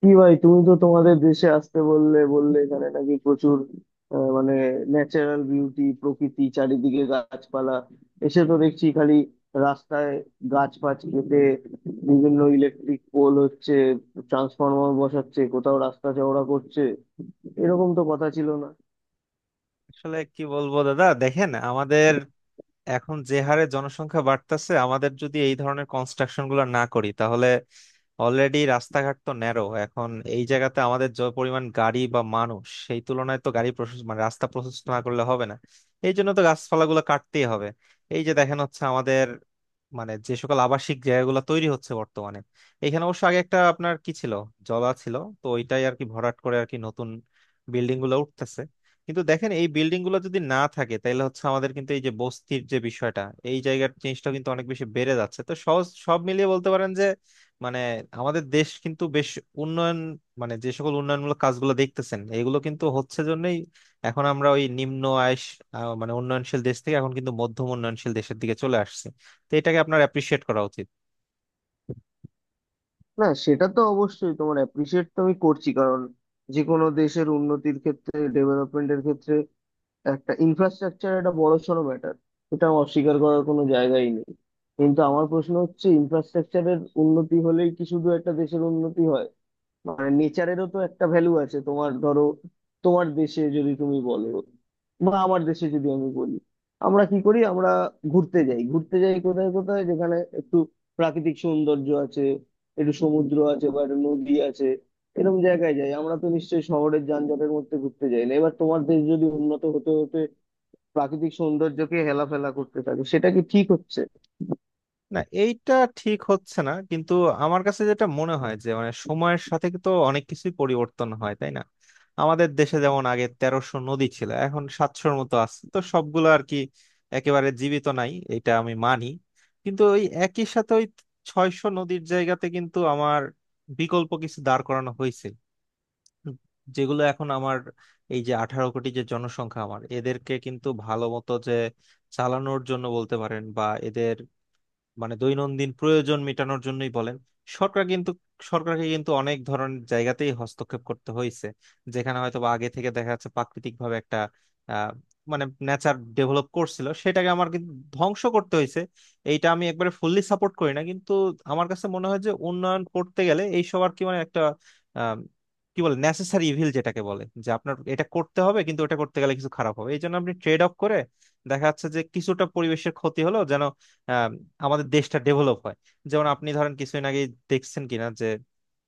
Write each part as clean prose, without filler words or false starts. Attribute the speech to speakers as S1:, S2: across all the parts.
S1: কি ভাই? তুমি তো তোমাদের দেশে আসতে বললে বললে এখানে নাকি প্রচুর মানে ন্যাচারাল বিউটি, প্রকৃতি, চারিদিকে গাছপালা। এসে তো দেখছি খালি রাস্তায় গাছ ফাছ কেটে বিভিন্ন ইলেকট্রিক পোল হচ্ছে, ট্রান্সফরমার বসাচ্ছে, কোথাও রাস্তা চওড়া করছে। এরকম তো কথা ছিল না।
S2: আসলে কি বলবো দাদা দেখেন আমাদের এখন যে হারে জনসংখ্যা বাড়তেছে আমাদের যদি এই ধরনের কনস্ট্রাকশন গুলো না করি তাহলে অলরেডি রাস্তাঘাট তো ন্যারো এখন এই জায়গাতে আমাদের যে পরিমাণ গাড়ি বা মানুষ সেই তুলনায় তো গাড়ি প্রশস্ত মানে রাস্তা প্রশস্ত না করলে হবে না। এই জন্য তো গাছপালাগুলো কাটতেই হবে। এই যে দেখেন হচ্ছে আমাদের মানে যে সকল আবাসিক জায়গাগুলো তৈরি হচ্ছে বর্তমানে, এখানে অবশ্য আগে একটা আপনার কি ছিল, জলা ছিল। তো ওইটাই আর কি ভরাট করে আর কি নতুন বিল্ডিং গুলো উঠতেছে। কিন্তু দেখেন এই বিল্ডিং গুলো যদি না থাকে তাহলে হচ্ছে আমাদের কিন্তু এই যে বস্তির যে বিষয়টা এই জায়গার জিনিসটা কিন্তু অনেক বেশি বেড়ে যাচ্ছে। তো সহজ সব মিলিয়ে বলতে পারেন যে মানে আমাদের দেশ কিন্তু বেশ উন্নয়ন মানে যে সকল উন্নয়নমূলক কাজগুলো দেখতেছেন এগুলো কিন্তু হচ্ছে জন্যই এখন আমরা ওই নিম্ন আয়েস মানে উন্নয়নশীল দেশ থেকে এখন কিন্তু মধ্যম উন্নয়নশীল দেশের দিকে চলে আসছে। তো এটাকে আপনার অ্যাপ্রিসিয়েট করা উচিত।
S1: না, সেটা তো অবশ্যই। তোমার অ্যাপ্রিসিয়েট তো আমি করছি, কারণ যে কোনো দেশের উন্নতির ক্ষেত্রে, ডেভেলপমেন্টের ক্ষেত্রে একটা ইনফ্রাস্ট্রাকচার একটা বড়সড় ম্যাটার। এটা অস্বীকার করার কোনো জায়গাই নেই। কিন্তু আমার প্রশ্ন হচ্ছে, ইনফ্রাস্ট্রাকচারের উন্নতি হলেই কি শুধু একটা দেশের উন্নতি হয়? মানে নেচারেরও তো একটা ভ্যালু আছে। তোমার ধরো, তোমার দেশে যদি তুমি বলো বা আমার দেশে যদি আমি বলি, আমরা কি করি? আমরা ঘুরতে যাই, ঘুরতে যাই কোথায়? কোথায় যেখানে একটু প্রাকৃতিক সৌন্দর্য আছে, একটু সমুদ্র আছে বা একটা নদী আছে, এরকম জায়গায় যাই। আমরা তো নিশ্চয়ই শহরের যানজটের মধ্যে ঘুরতে যাই না। এবার তোমার দেশ যদি উন্নত হতে হতে প্রাকৃতিক সৌন্দর্যকে হেলাফেলা করতে থাকে, সেটা কি ঠিক হচ্ছে?
S2: না এইটা ঠিক হচ্ছে না, কিন্তু আমার কাছে যেটা মনে হয় যে মানে সময়ের সাথে তো অনেক কিছুই পরিবর্তন হয়, তাই না? আমাদের দেশে যেমন আগে 1300 নদী ছিল এখন 700-এর মতো আছে। তো সবগুলো আর কি একেবারে জীবিত নাই এটা আমি মানি, কিন্তু ওই একই সাথে ওই 600 নদীর জায়গাতে কিন্তু আমার বিকল্প কিছু দাঁড় করানো হয়েছে। হুম। যেগুলো এখন আমার এই যে 18 কোটি যে জনসংখ্যা আমার এদেরকে কিন্তু ভালো মতো যে চালানোর জন্য বলতে পারেন বা এদের মানে দৈনন্দিন প্রয়োজন মেটানোর জন্যই বলেন সরকার কিন্তু সরকারকে কিন্তু অনেক ধরনের জায়গাতেই হস্তক্ষেপ করতে হয়েছে। যেখানে হয়তো বা আগে থেকে দেখা যাচ্ছে প্রাকৃতিক ভাবে একটা আহ মানে নেচার ডেভেলপ করছিল সেটাকে আমার কিন্তু ধ্বংস করতে হয়েছে। এইটা আমি একবারে ফুললি সাপোর্ট করি না, কিন্তু আমার কাছে মনে হয় যে উন্নয়ন করতে গেলে এই সবার কি মানে একটা আহ, কি বলে নেসেসারি ইভিল যেটাকে বলে যে আপনার এটা করতে হবে কিন্তু ওটা করতে গেলে কিছু খারাপ হবে এই জন্য আপনি ট্রেড অফ করে দেখা যাচ্ছে যে কিছুটা পরিবেশের ক্ষতি হলো যেন আমাদের দেশটা ডেভেলপ হয়। যেমন আপনি ধরেন কিছুদিন আগে দেখছেন কিনা যে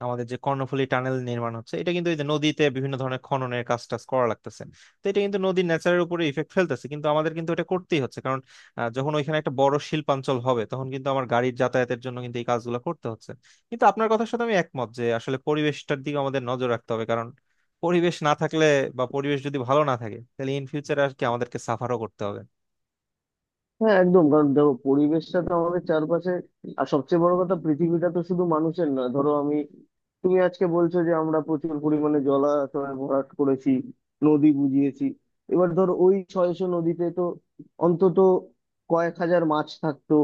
S2: আমাদের যে কর্ণফুলী টানেল নির্মাণ হচ্ছে, এটা কিন্তু এই যে নদীতে বিভিন্ন ধরনের খননের কাজ টাজ করা লাগতেছে। তো এটা কিন্তু নদীর ন্যাচারের উপরে ইফেক্ট ফেলতেছে কিন্তু আমাদের কিন্তু এটা করতেই হচ্ছে কারণ যখন ওইখানে একটা বড় শিল্পাঞ্চল হবে তখন কিন্তু আমার গাড়ির যাতায়াতের জন্য কিন্তু এই কাজগুলো করতে হচ্ছে। কিন্তু আপনার কথার সাথে আমি একমত যে আসলে পরিবেশটার দিকে আমাদের নজর রাখতে হবে কারণ পরিবেশ না থাকলে বা পরিবেশ যদি ভালো না থাকে তাহলে ইন ফিউচার আর কি আমাদেরকে সাফারও করতে হবে।
S1: হ্যাঁ, একদম। কারণ দেখো, পরিবেশটা তো আমাদের চারপাশে, আর সবচেয়ে বড় কথা পৃথিবীটা তো শুধু মানুষের না। ধরো, আমি তুমি আজকে বলছো যে আমরা প্রচুর পরিমাণে জলাশয় ভরাট করেছি, নদী বুঝিয়েছি। এবার ধরো, ওই 600 নদীতে তো অন্তত কয়েক হাজার মাছ থাকতো,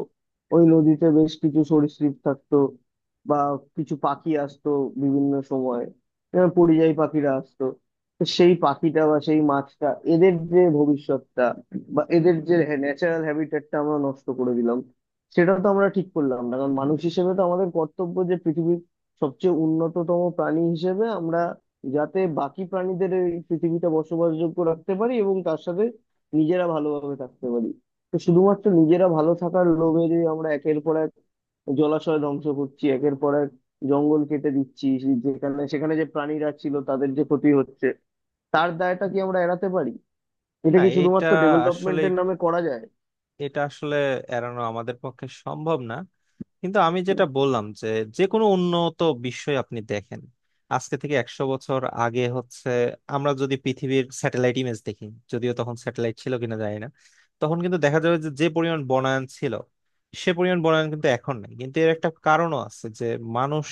S1: ওই নদীতে বেশ কিছু সরীসৃপ থাকতো, বা কিছু পাখি আসতো বিভিন্ন সময়, যেমন পরিযায়ী পাখিরা আসতো। তো সেই পাখিটা বা সেই মাছটা, এদের যে ভবিষ্যৎটা বা এদের যে ন্যাচারাল হ্যাবিটেটটা আমরা নষ্ট করে দিলাম, সেটা তো আমরা ঠিক করলাম না। কারণ মানুষ হিসেবে তো আমাদের কর্তব্য যে পৃথিবীর সবচেয়ে উন্নততম প্রাণী হিসেবে আমরা যাতে বাকি প্রাণীদের এই পৃথিবীটা বসবাসযোগ্য রাখতে পারি এবং তার সাথে নিজেরা ভালোভাবে থাকতে পারি। তো শুধুমাত্র নিজেরা ভালো থাকার লোভে যদি আমরা একের পর এক জলাশয় ধ্বংস করছি, একের পর এক জঙ্গল কেটে দিচ্ছি, যেখানে সেখানে যে প্রাণীরা ছিল তাদের যে ক্ষতি হচ্ছে, তার দায়টা কি আমরা এড়াতে পারি? এটা
S2: না
S1: কি শুধুমাত্র
S2: আসলে
S1: ডেভেলপমেন্টের নামে করা যায়?
S2: এটা আসলে এড়ানো আমাদের পক্ষে সম্ভব না, কিন্তু আমি যেটা বললাম যে যে কোনো উন্নত বিশ্বই আপনি দেখেন আজকে থেকে 100 বছর আগে হচ্ছে আমরা যদি পৃথিবীর স্যাটেলাইট ইমেজ দেখি, যদিও তখন স্যাটেলাইট ছিল কিনা জানি না, তখন কিন্তু দেখা যাবে যে যে পরিমাণ বনায়ন ছিল সে পরিমাণ বনায়ন কিন্তু এখন নেই। কিন্তু এর একটা কারণও আছে যে মানুষ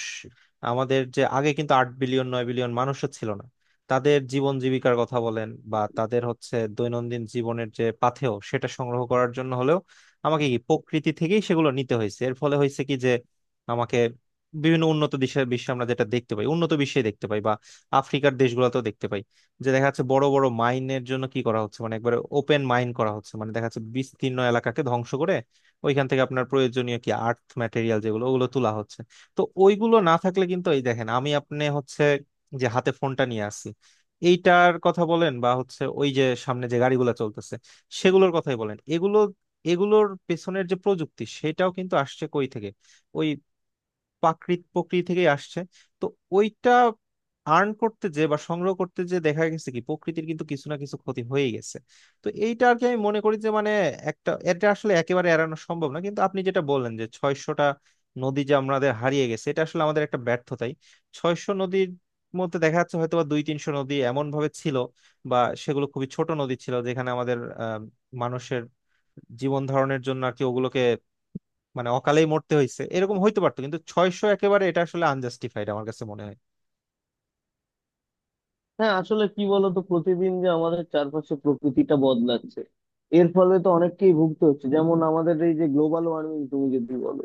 S2: আমাদের যে আগে কিন্তু 8 বিলিয়ন 9 বিলিয়ন মানুষও ছিল না, তাদের জীবন জীবিকার কথা বলেন বা তাদের হচ্ছে দৈনন্দিন জীবনের যে পাথেয় সেটা সংগ্রহ করার জন্য হলেও আমাকে কি প্রকৃতি থেকেই সেগুলো নিতে হয়েছে। এর ফলে হয়েছে কি যে আমাকে বিভিন্ন উন্নত দেশের বিশ্বে আমরা যেটা দেখতে পাই উন্নত বিশ্বে দেখতে পাই বা আফ্রিকার দেশগুলোতেও দেখতে পাই যে দেখা যাচ্ছে বড় বড় মাইনের জন্য কি করা হচ্ছে, মানে একবারে ওপেন মাইন করা হচ্ছে, মানে দেখা যাচ্ছে বিস্তীর্ণ এলাকাকে ধ্বংস করে ওইখান থেকে আপনার প্রয়োজনীয় কি আর্থ ম্যাটেরিয়াল যেগুলো ওগুলো তোলা হচ্ছে। তো ওইগুলো না থাকলে কিন্তু এই দেখেন আমি আপনি হচ্ছে যে হাতে ফোনটা নিয়ে আসি এইটার কথা বলেন বা হচ্ছে ওই যে সামনে যে গাড়িগুলো চলতেছে সেগুলোর কথাই বলেন, এগুলো এগুলোর পেছনের যে প্রযুক্তি সেটাও কিন্তু আসছে কই থেকে? ওই প্রকৃতি থেকেই আসছে। তো ওইটা আর্ন করতে যে বা সংগ্রহ করতে যে দেখা গেছে কি প্রকৃতির কিন্তু কিছু না কিছু ক্ষতি হয়ে গেছে। তো এইটা আর কি আমি মনে করি যে মানে একটা এটা আসলে একেবারে এড়ানো সম্ভব না, কিন্তু আপনি যেটা বললেন যে 600টা নদী যে আমাদের হারিয়ে গেছে এটা আসলে আমাদের একটা ব্যর্থতাই। 600 নদীর মধ্যে দেখা যাচ্ছে হয়তো বা 2-300 নদী এমন ভাবে ছিল বা সেগুলো খুবই ছোট নদী ছিল যেখানে আমাদের আহ, মানুষের জীবন ধারণের জন্য আর কি ওগুলোকে মানে অকালেই মরতে হয়েছে এরকম হইতে পারতো, কিন্তু 600 একেবারে এটা আসলে আনজাস্টিফাইড আমার কাছে মনে হয়।
S1: হ্যাঁ, আসলে কি বলতো, প্রতিদিন যে আমাদের চারপাশে প্রকৃতিটা বদলাচ্ছে, এর ফলে তো অনেককেই ভুগতে হচ্ছে। যেমন আমাদের এই যে গ্লোবাল ওয়ার্মিং তুমি যদি বলো,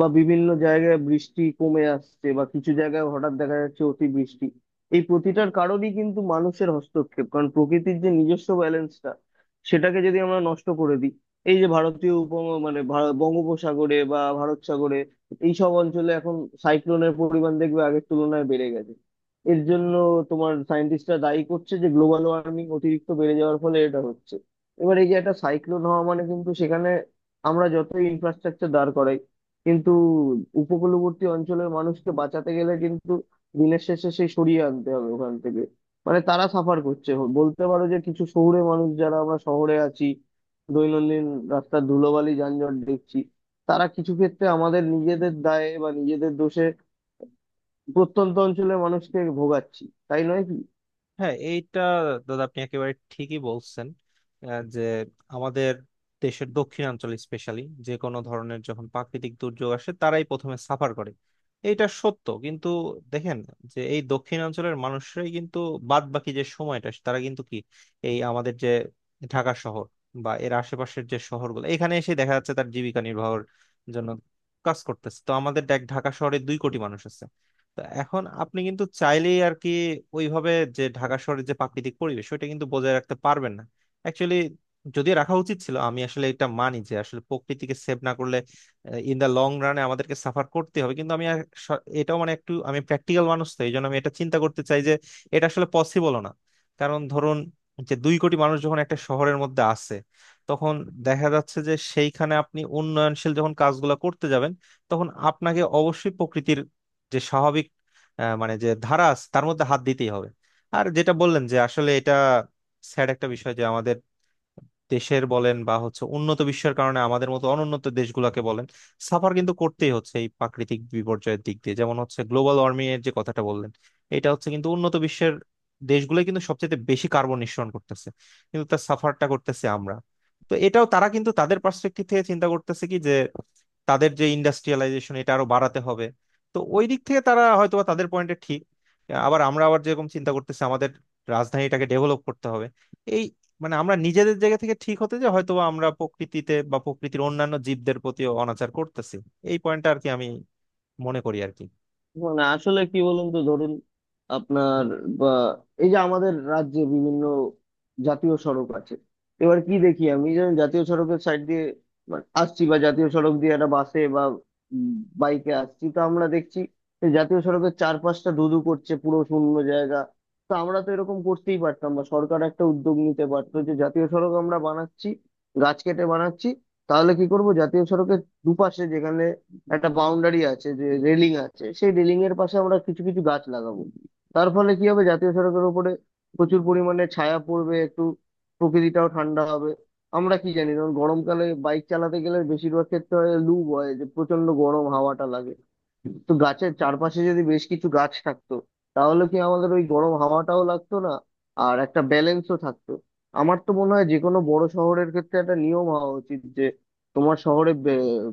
S1: বা বিভিন্ন জায়গায় বৃষ্টি কমে আসছে, বা কিছু জায়গায় হঠাৎ দেখা যাচ্ছে অতিবৃষ্টি, এই প্রতিটার কারণই কিন্তু মানুষের হস্তক্ষেপ। কারণ প্রকৃতির যে নিজস্ব ব্যালেন্সটা সেটাকে যদি আমরা নষ্ট করে দিই। এই যে ভারতীয় উপম মানে বঙ্গোপসাগরে বা ভারত সাগরে এইসব অঞ্চলে এখন সাইক্লোনের পরিমাণ দেখবে আগের তুলনায় বেড়ে গেছে। এর জন্য তোমার সায়েন্টিস্টরা দায়ী করছে যে গ্লোবাল ওয়ার্মিং অতিরিক্ত বেড়ে যাওয়ার ফলে এটা হচ্ছে। এবার এই যে একটা সাইক্লোন হওয়া মানে কিন্তু সেখানে আমরা যত ইনফ্রাস্ট্রাকচার দাঁড় করাই, কিন্তু উপকূলবর্তী অঞ্চলের মানুষকে বাঁচাতে গেলে কিন্তু দিনের শেষে সেই সরিয়ে আনতে হবে ওখান থেকে, মানে তারা সাফার করছে। বলতে পারো যে কিছু শহুরে মানুষ, যারা আমরা শহরে আছি, দৈনন্দিন রাস্তার ধুলোবালি যানজট দেখছি, তারা কিছু ক্ষেত্রে আমাদের নিজেদের দায়ে বা নিজেদের দোষে প্রত্যন্ত অঞ্চলের মানুষকে ভোগাচ্ছি। তাই নয় কি?
S2: হ্যাঁ এইটা দাদা আপনি একেবারে ঠিকই বলছেন। যে আমাদের দেশের দক্ষিণাঞ্চল স্পেশালি যে কোনো ধরনের যখন প্রাকৃতিক দুর্যোগ আসে তারাই প্রথমে সাফার করে। এইটা সত্য, কিন্তু দেখেন যে এই দক্ষিণাঞ্চলের মানুষরাই কিন্তু বাদ বাকি যে সময়টা তারা কিন্তু কি এই আমাদের যে ঢাকা শহর বা এর আশেপাশের যে শহরগুলো এখানে এসে দেখা যাচ্ছে তার জীবিকা নির্বাহের জন্য কাজ করতেছে। তো আমাদের দেখ ঢাকা শহরে 2 কোটি মানুষ আছে। তা এখন আপনি কিন্তু চাইলেই আর কি ওইভাবে যে ঢাকা শহরের যে প্রাকৃতিক পরিবেশ ওইটা কিন্তু বজায় রাখতে পারবেন না। অ্যাকচুয়ালি যদি রাখা উচিত ছিল আমি আসলে এটা মানি যে আসলে প্রকৃতিকে সেভ না করলে ইন দা লং রানে আমাদেরকে সাফার করতে হবে, কিন্তু আমি আর এটাও মানে একটু আমি প্র্যাকটিক্যাল মানুষ তো এই জন্য আমি এটা চিন্তা করতে চাই যে এটা আসলে পসিবলও না। কারণ ধরুন যে 2 কোটি মানুষ যখন একটা শহরের মধ্যে আছে তখন দেখা যাচ্ছে যে সেইখানে আপনি উন্নয়নশীল যখন কাজগুলো করতে যাবেন তখন আপনাকে অবশ্যই প্রকৃতির যে স্বাভাবিক মানে যে ধারা আছে তার মধ্যে হাত দিতেই হবে। আর যেটা বললেন যে আসলে এটা স্যাড একটা বিষয় যে আমাদের দেশের বলেন বা হচ্ছে উন্নত বিশ্বের কারণে আমাদের মতো অনুন্নত দেশগুলোকে বলেন সাফার কিন্তু করতেই হচ্ছে এই প্রাকৃতিক বিপর্যয়ের দিক দিয়ে। যেমন হচ্ছে গ্লোবাল ওয়ার্মিং এর যে কথাটা বললেন, এটা হচ্ছে কিন্তু উন্নত বিশ্বের দেশগুলো কিন্তু সবচেয়ে বেশি কার্বন নিঃসরণ করতেছে কিন্তু তার সাফারটা করতেছে আমরা। তো এটাও তারা কিন্তু তাদের পার্সপেক্টিভ থেকে চিন্তা করতেছে কি যে তাদের যে ইন্ডাস্ট্রিয়ালাইজেশন এটা আরো বাড়াতে হবে। তো ওই দিক থেকে তারা হয়তো বা তাদের পয়েন্টে ঠিক। আবার আমরা আবার যেরকম চিন্তা করতেছি আমাদের রাজধানীটাকে ডেভেলপ করতে হবে এই মানে আমরা নিজেদের জায়গা থেকে ঠিক হতে যে হয়তো আমরা প্রকৃতিতে বা প্রকৃতির অন্যান্য জীবদের প্রতিও অনাচার করতেছি। এই পয়েন্টটা আর কি আমি মনে করি আর কি।
S1: মানে আসলে কি বলুন তো, ধরুন আপনার, বা এই যে আমাদের রাজ্যে বিভিন্ন জাতীয় সড়ক আছে। এবার কি দেখি, আমি যেমন জাতীয় সড়কের সাইড দিয়ে মানে আসছি, বা জাতীয় সড়ক দিয়ে একটা বাসে বা বাইকে আসছি, তো আমরা দেখছি যে জাতীয় সড়কের চারপাশটা ধুধু করছে, পুরো শূন্য জায়গা। তো আমরা তো এরকম করতেই পারতাম, বা সরকার একটা উদ্যোগ নিতে পারতো, যে জাতীয় সড়ক আমরা বানাচ্ছি গাছ কেটে বানাচ্ছি, তাহলে কি করব, জাতীয় সড়কের দুপাশে যেখানে একটা বাউন্ডারি আছে যে রেলিং আছে, সেই রেলিং এর পাশে আমরা কিছু কিছু গাছ লাগাবো। তার ফলে কি হবে, জাতীয় সড়কের উপরে প্রচুর পরিমাণে ছায়া পড়বে, একটু প্রকৃতিটাও ঠান্ডা হবে। আমরা কি জানি, ধরুন গরমকালে বাইক চালাতে গেলে বেশিরভাগ ক্ষেত্রে হয় লু বয়, যে প্রচন্ড গরম হাওয়াটা লাগে। তো গাছের চারপাশে যদি বেশ কিছু গাছ থাকতো, তাহলে কি আমাদের ওই গরম হাওয়াটাও লাগতো না, আর একটা ব্যালেন্সও থাকতো। আমার তো মনে হয় যে কোনো বড় শহরের ক্ষেত্রে একটা নিয়ম হওয়া উচিত, যে তোমার শহরে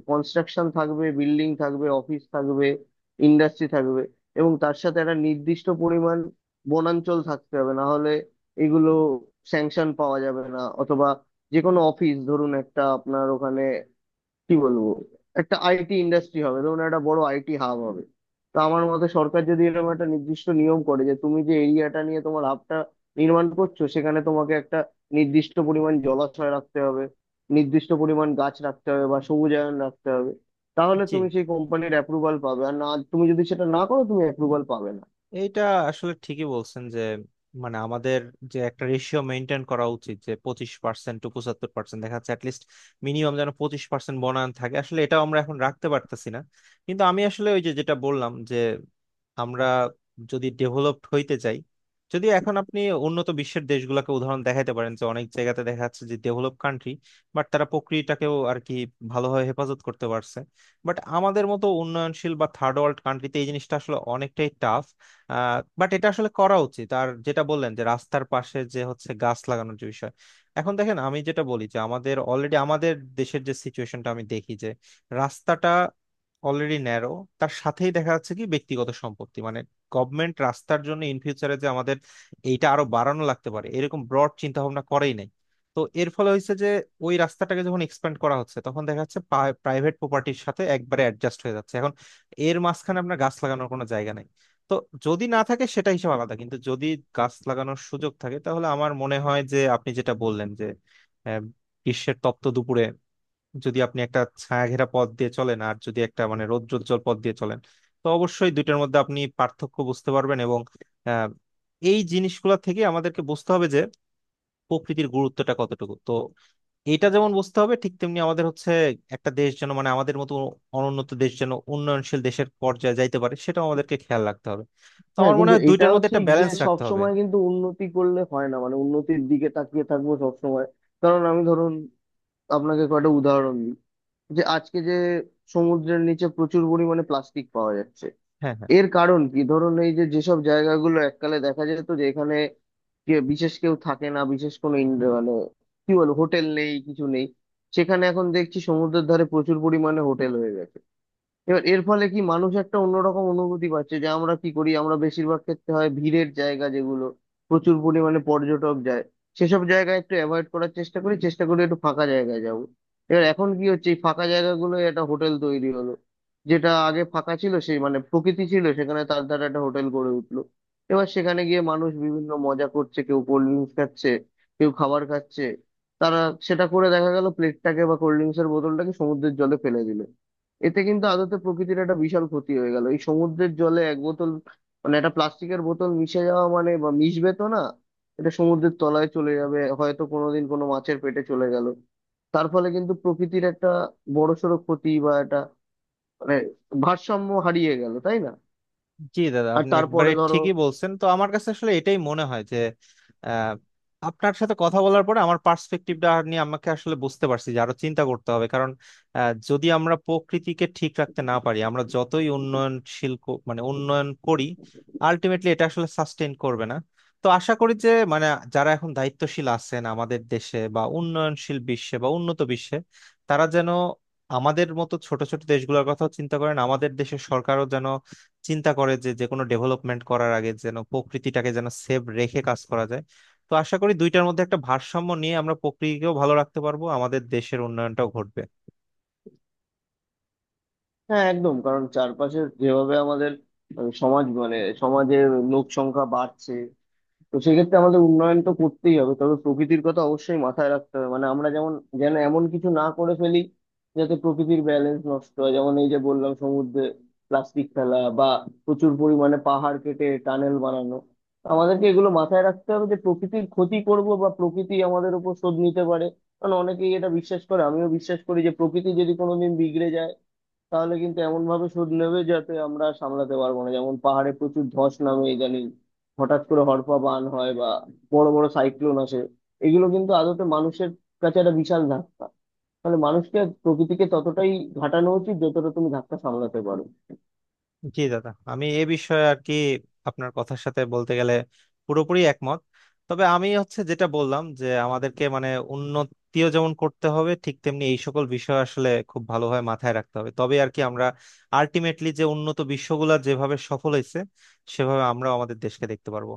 S1: কনস্ট্রাকশন থাকবে, বিল্ডিং থাকবে, অফিস থাকবে, ইন্ডাস্ট্রি থাকবে, এবং তার সাথে একটা নির্দিষ্ট পরিমাণ বনাঞ্চল থাকতে হবে, না হলে এগুলো স্যাংশন পাওয়া যাবে না। অথবা যে কোনো অফিস, ধরুন একটা আপনার ওখানে, কি বলবো, একটা আইটি ইন্ডাস্ট্রি হবে, ধরুন একটা বড় আইটি হাব হবে, তো আমার মতে সরকার যদি এরকম একটা নির্দিষ্ট নিয়ম করে যে তুমি যে এরিয়াটা নিয়ে তোমার হাবটা নির্মাণ করছো, সেখানে তোমাকে একটা নির্দিষ্ট পরিমাণ জলাশয় রাখতে হবে, নির্দিষ্ট পরিমাণ গাছ রাখতে হবে বা সবুজায়ন রাখতে হবে, তাহলে তুমি
S2: জি।
S1: সেই কোম্পানির অ্যাপ্রুভাল পাবে, আর না, তুমি যদি সেটা না করো তুমি অ্যাপ্রুভাল পাবে না।
S2: এইটা আসলে ঠিকই বলছেন যে মানে আমাদের যে একটা রেশিও মেনটেন করা উচিত যে 25% টু 75% দেখা যাচ্ছে অ্যাটলিস্ট মিনিমাম যেন 25% বনায়ন থাকে, আসলে এটাও আমরা এখন রাখতে পারতেছি না। কিন্তু আমি আসলে ওই যে যেটা বললাম যে আমরা যদি ডেভেলপড হইতে চাই, যদিও এখন আপনি উন্নত বিশ্বের দেশগুলোকে উদাহরণ দেখাইতে পারেন যে অনেক জায়গাতে দেখা যাচ্ছে যে ডেভেলপ কান্ট্রি বাট তারা প্রকৃতিটাকেও আর কি ভালোভাবে হেফাজত করতে পারছে। বাট আমাদের মতো উন্নয়নশীল বা থার্ড ওয়ার্ল্ড কান্ট্রিতে এই জিনিসটা আসলে অনেকটাই টাফ। বাট এটা আসলে করা উচিত। আর যেটা বললেন যে রাস্তার পাশে যে হচ্ছে গাছ লাগানোর যে বিষয়, এখন দেখেন আমি যেটা বলি যে আমাদের অলরেডি আমাদের দেশের যে সিচুয়েশনটা আমি দেখি যে রাস্তাটা অলরেডি ন্যারো। তার সাথেই দেখা যাচ্ছে কি ব্যক্তিগত সম্পত্তি মানে গভর্নমেন্ট রাস্তার জন্য ইন ফিউচারে যে আমাদের এইটা আরো বাড়ানো লাগতে পারে এরকম ব্রড চিন্তা ভাবনা করেই নাই। তো এর ফলে হয়েছে যে ওই রাস্তাটাকে যখন এক্সপ্যান্ড করা হচ্ছে তখন দেখা যাচ্ছে প্রাইভেট প্রপার্টির সাথে একবারে অ্যাডজাস্ট হয়ে যাচ্ছে এখন। এর মাঝখানে আপনার গাছ লাগানোর কোনো জায়গা নাই। তো যদি না থাকে সেটা হিসাব আলাদা, কিন্তু যদি গাছ লাগানোর সুযোগ থাকে তাহলে আমার মনে হয় যে আপনি যেটা বললেন যে আহ, গ্রীষ্মের তপ্ত দুপুরে যদি আপনি একটা ছায়া ঘেরা পথ দিয়ে চলেন আর যদি একটা মানে রৌদ্রোজ্জ্বল পথ দিয়ে চলেন, তো অবশ্যই দুইটার মধ্যে আপনি পার্থক্য বুঝতে পারবেন। এবং আহ, এই জিনিসগুলা থেকে আমাদেরকে বুঝতে হবে যে প্রকৃতির গুরুত্বটা কতটুকু। তো এটা যেমন বুঝতে হবে ঠিক তেমনি আমাদের হচ্ছে একটা দেশ যেন মানে আমাদের মতো অনুন্নত দেশ যেন উন্নয়নশীল দেশের পর্যায়ে যাইতে পারে সেটাও আমাদেরকে খেয়াল রাখতে হবে। তো
S1: হ্যাঁ,
S2: আমার মনে
S1: কিন্তু
S2: হয় দুইটার
S1: এটাও
S2: মধ্যে একটা
S1: ঠিক যে
S2: ব্যালেন্স
S1: সব
S2: রাখতে হবে।
S1: সময় কিন্তু উন্নতি করলে হয় না, মানে উন্নতির দিকে তাকিয়ে থাকবো সব সময়। কারণ আমি, ধরুন আপনাকে কয়টা উদাহরণ দিই। যে আজকে যে সমুদ্রের নিচে প্রচুর পরিমাণে প্লাস্টিক পাওয়া যাচ্ছে,
S2: হ্যাঁ, হ্যাঁ।
S1: এর কারণ কি? ধরুন এই যে যেসব জায়গাগুলো এককালে দেখা যেত যে এখানে কে বিশেষ কেউ থাকে না, বিশেষ কোনো মানে কি বলবো, হোটেল নেই, কিছু নেই, সেখানে এখন দেখছি সমুদ্রের ধারে প্রচুর পরিমাণে হোটেল হয়ে গেছে। এবার এর ফলে কি, মানুষ একটা অন্যরকম অনুভূতি পাচ্ছে, যে আমরা কি করি, আমরা বেশিরভাগ ক্ষেত্রে হয় ভিড়ের জায়গা যেগুলো প্রচুর পরিমাণে পর্যটক যায় সেসব জায়গায় একটু অ্যাভয়েড করার চেষ্টা করি, চেষ্টা করি একটু ফাঁকা জায়গায় যাব। এবার এখন কি হচ্ছে, এই ফাঁকা জায়গাগুলো একটা হোটেল তৈরি হলো, যেটা আগে ফাঁকা ছিল, সেই মানে প্রকৃতি ছিল সেখানে, তার দ্বারা একটা হোটেল গড়ে উঠলো। এবার সেখানে গিয়ে মানুষ বিভিন্ন মজা করছে, কেউ কোল্ড ড্রিঙ্কস খাচ্ছে, কেউ খাবার খাচ্ছে, তারা সেটা করে দেখা গেল প্লেটটাকে বা কোল্ড ড্রিঙ্কস এর বোতলটাকে সমুদ্রের জলে ফেলে দিল। এতে কিন্তু আদতে প্রকৃতির একটা বিশাল ক্ষতি হয়ে গেল। এই সমুদ্রের জলে এক বোতল মানে একটা প্লাস্টিকের বোতল মিশে যাওয়া, মানে বা মিশবে তো না, এটা সমুদ্রের তলায় চলে যাবে, হয়তো কোনোদিন কোনো মাছের পেটে চলে গেল, তার ফলে কিন্তু প্রকৃতির একটা বড়সড় ক্ষতি বা একটা মানে ভারসাম্য হারিয়ে গেল, তাই না?
S2: জি দাদা
S1: আর
S2: আপনি একবারে
S1: তারপরে ধরো,
S2: ঠিকই বলছেন। তো আমার কাছে আসলে এটাই মনে হয় যে আহ, আপনার সাথে কথা বলার পরে আমার পার্সপেক্টিভটা নিয়ে আমাকে আসলে বুঝতে পারছি যে আরো চিন্তা করতে হবে কারণ যদি আমরা প্রকৃতিকে ঠিক রাখতে না পারি আমরা যতই উন্নয়নশীল মানে উন্নয়ন করি আলটিমেটলি এটা আসলে সাস্টেইন করবে না। তো আশা করি যে মানে যারা এখন দায়িত্বশীল আছেন আমাদের দেশে বা উন্নয়নশীল বিশ্বে বা উন্নত বিশ্বে তারা যেন আমাদের মতো ছোট ছোট দেশগুলোর কথাও চিন্তা করেন। আমাদের দেশের সরকারও যেন চিন্তা করে যে যে কোনো ডেভেলপমেন্ট করার আগে যেন প্রকৃতিটাকে যেন সেভ রেখে কাজ করা যায়। তো আশা করি দুইটার মধ্যে একটা ভারসাম্য নিয়ে আমরা প্রকৃতিকেও ভালো রাখতে পারবো, আমাদের দেশের উন্নয়নটাও ঘটবে।
S1: হ্যাঁ, একদম। কারণ চারপাশে যেভাবে আমাদের মানে সমাজ, মানে সমাজের লোক সংখ্যা বাড়ছে, তো সেক্ষেত্রে আমাদের উন্নয়ন তো করতেই হবে, তবে প্রকৃতির কথা অবশ্যই মাথায় রাখতে হবে। মানে আমরা যেমন যেন এমন কিছু না করে ফেলি যাতে প্রকৃতির ব্যালেন্স নষ্ট হয়, যেমন এই যে বললাম, সমুদ্রে প্লাস্টিক ফেলা বা প্রচুর পরিমাণে পাহাড় কেটে টানেল বানানো। তো আমাদেরকে এগুলো মাথায় রাখতে হবে যে প্রকৃতির ক্ষতি করব বা প্রকৃতি আমাদের উপর শোধ নিতে পারে। কারণ অনেকেই এটা বিশ্বাস করে, আমিও বিশ্বাস করি যে প্রকৃতি যদি কোনোদিন বিগড়ে যায়, তাহলে কিন্তু এমন ভাবে শোধ নেবে যাতে আমরা সামলাতে পারবো না। যেমন পাহাড়ে প্রচুর ধস নামে ইদানিং, হঠাৎ করে হড়পা বান হয়, বা বড় বড় সাইক্লোন আসে, এগুলো কিন্তু আদতে মানুষের কাছে একটা বিশাল ধাক্কা। তাহলে মানুষকে প্রকৃতিকে ততটাই ঘাটানো উচিত যতটা তুমি ধাক্কা সামলাতে পারো।
S2: জি দাদা আমি এ বিষয়ে আর কি আপনার কথার সাথে বলতে গেলে পুরোপুরি একমত। তবে আমি হচ্ছে যেটা বললাম যে আমাদেরকে মানে উন্নতিও যেমন করতে হবে ঠিক তেমনি এই সকল বিষয় আসলে খুব ভালোভাবে মাথায় রাখতে হবে তবে আর কি আমরা আলটিমেটলি যে উন্নত বিশ্বগুলা যেভাবে সফল হয়েছে সেভাবে আমরা আমাদের দেশকে দেখতে পারবো।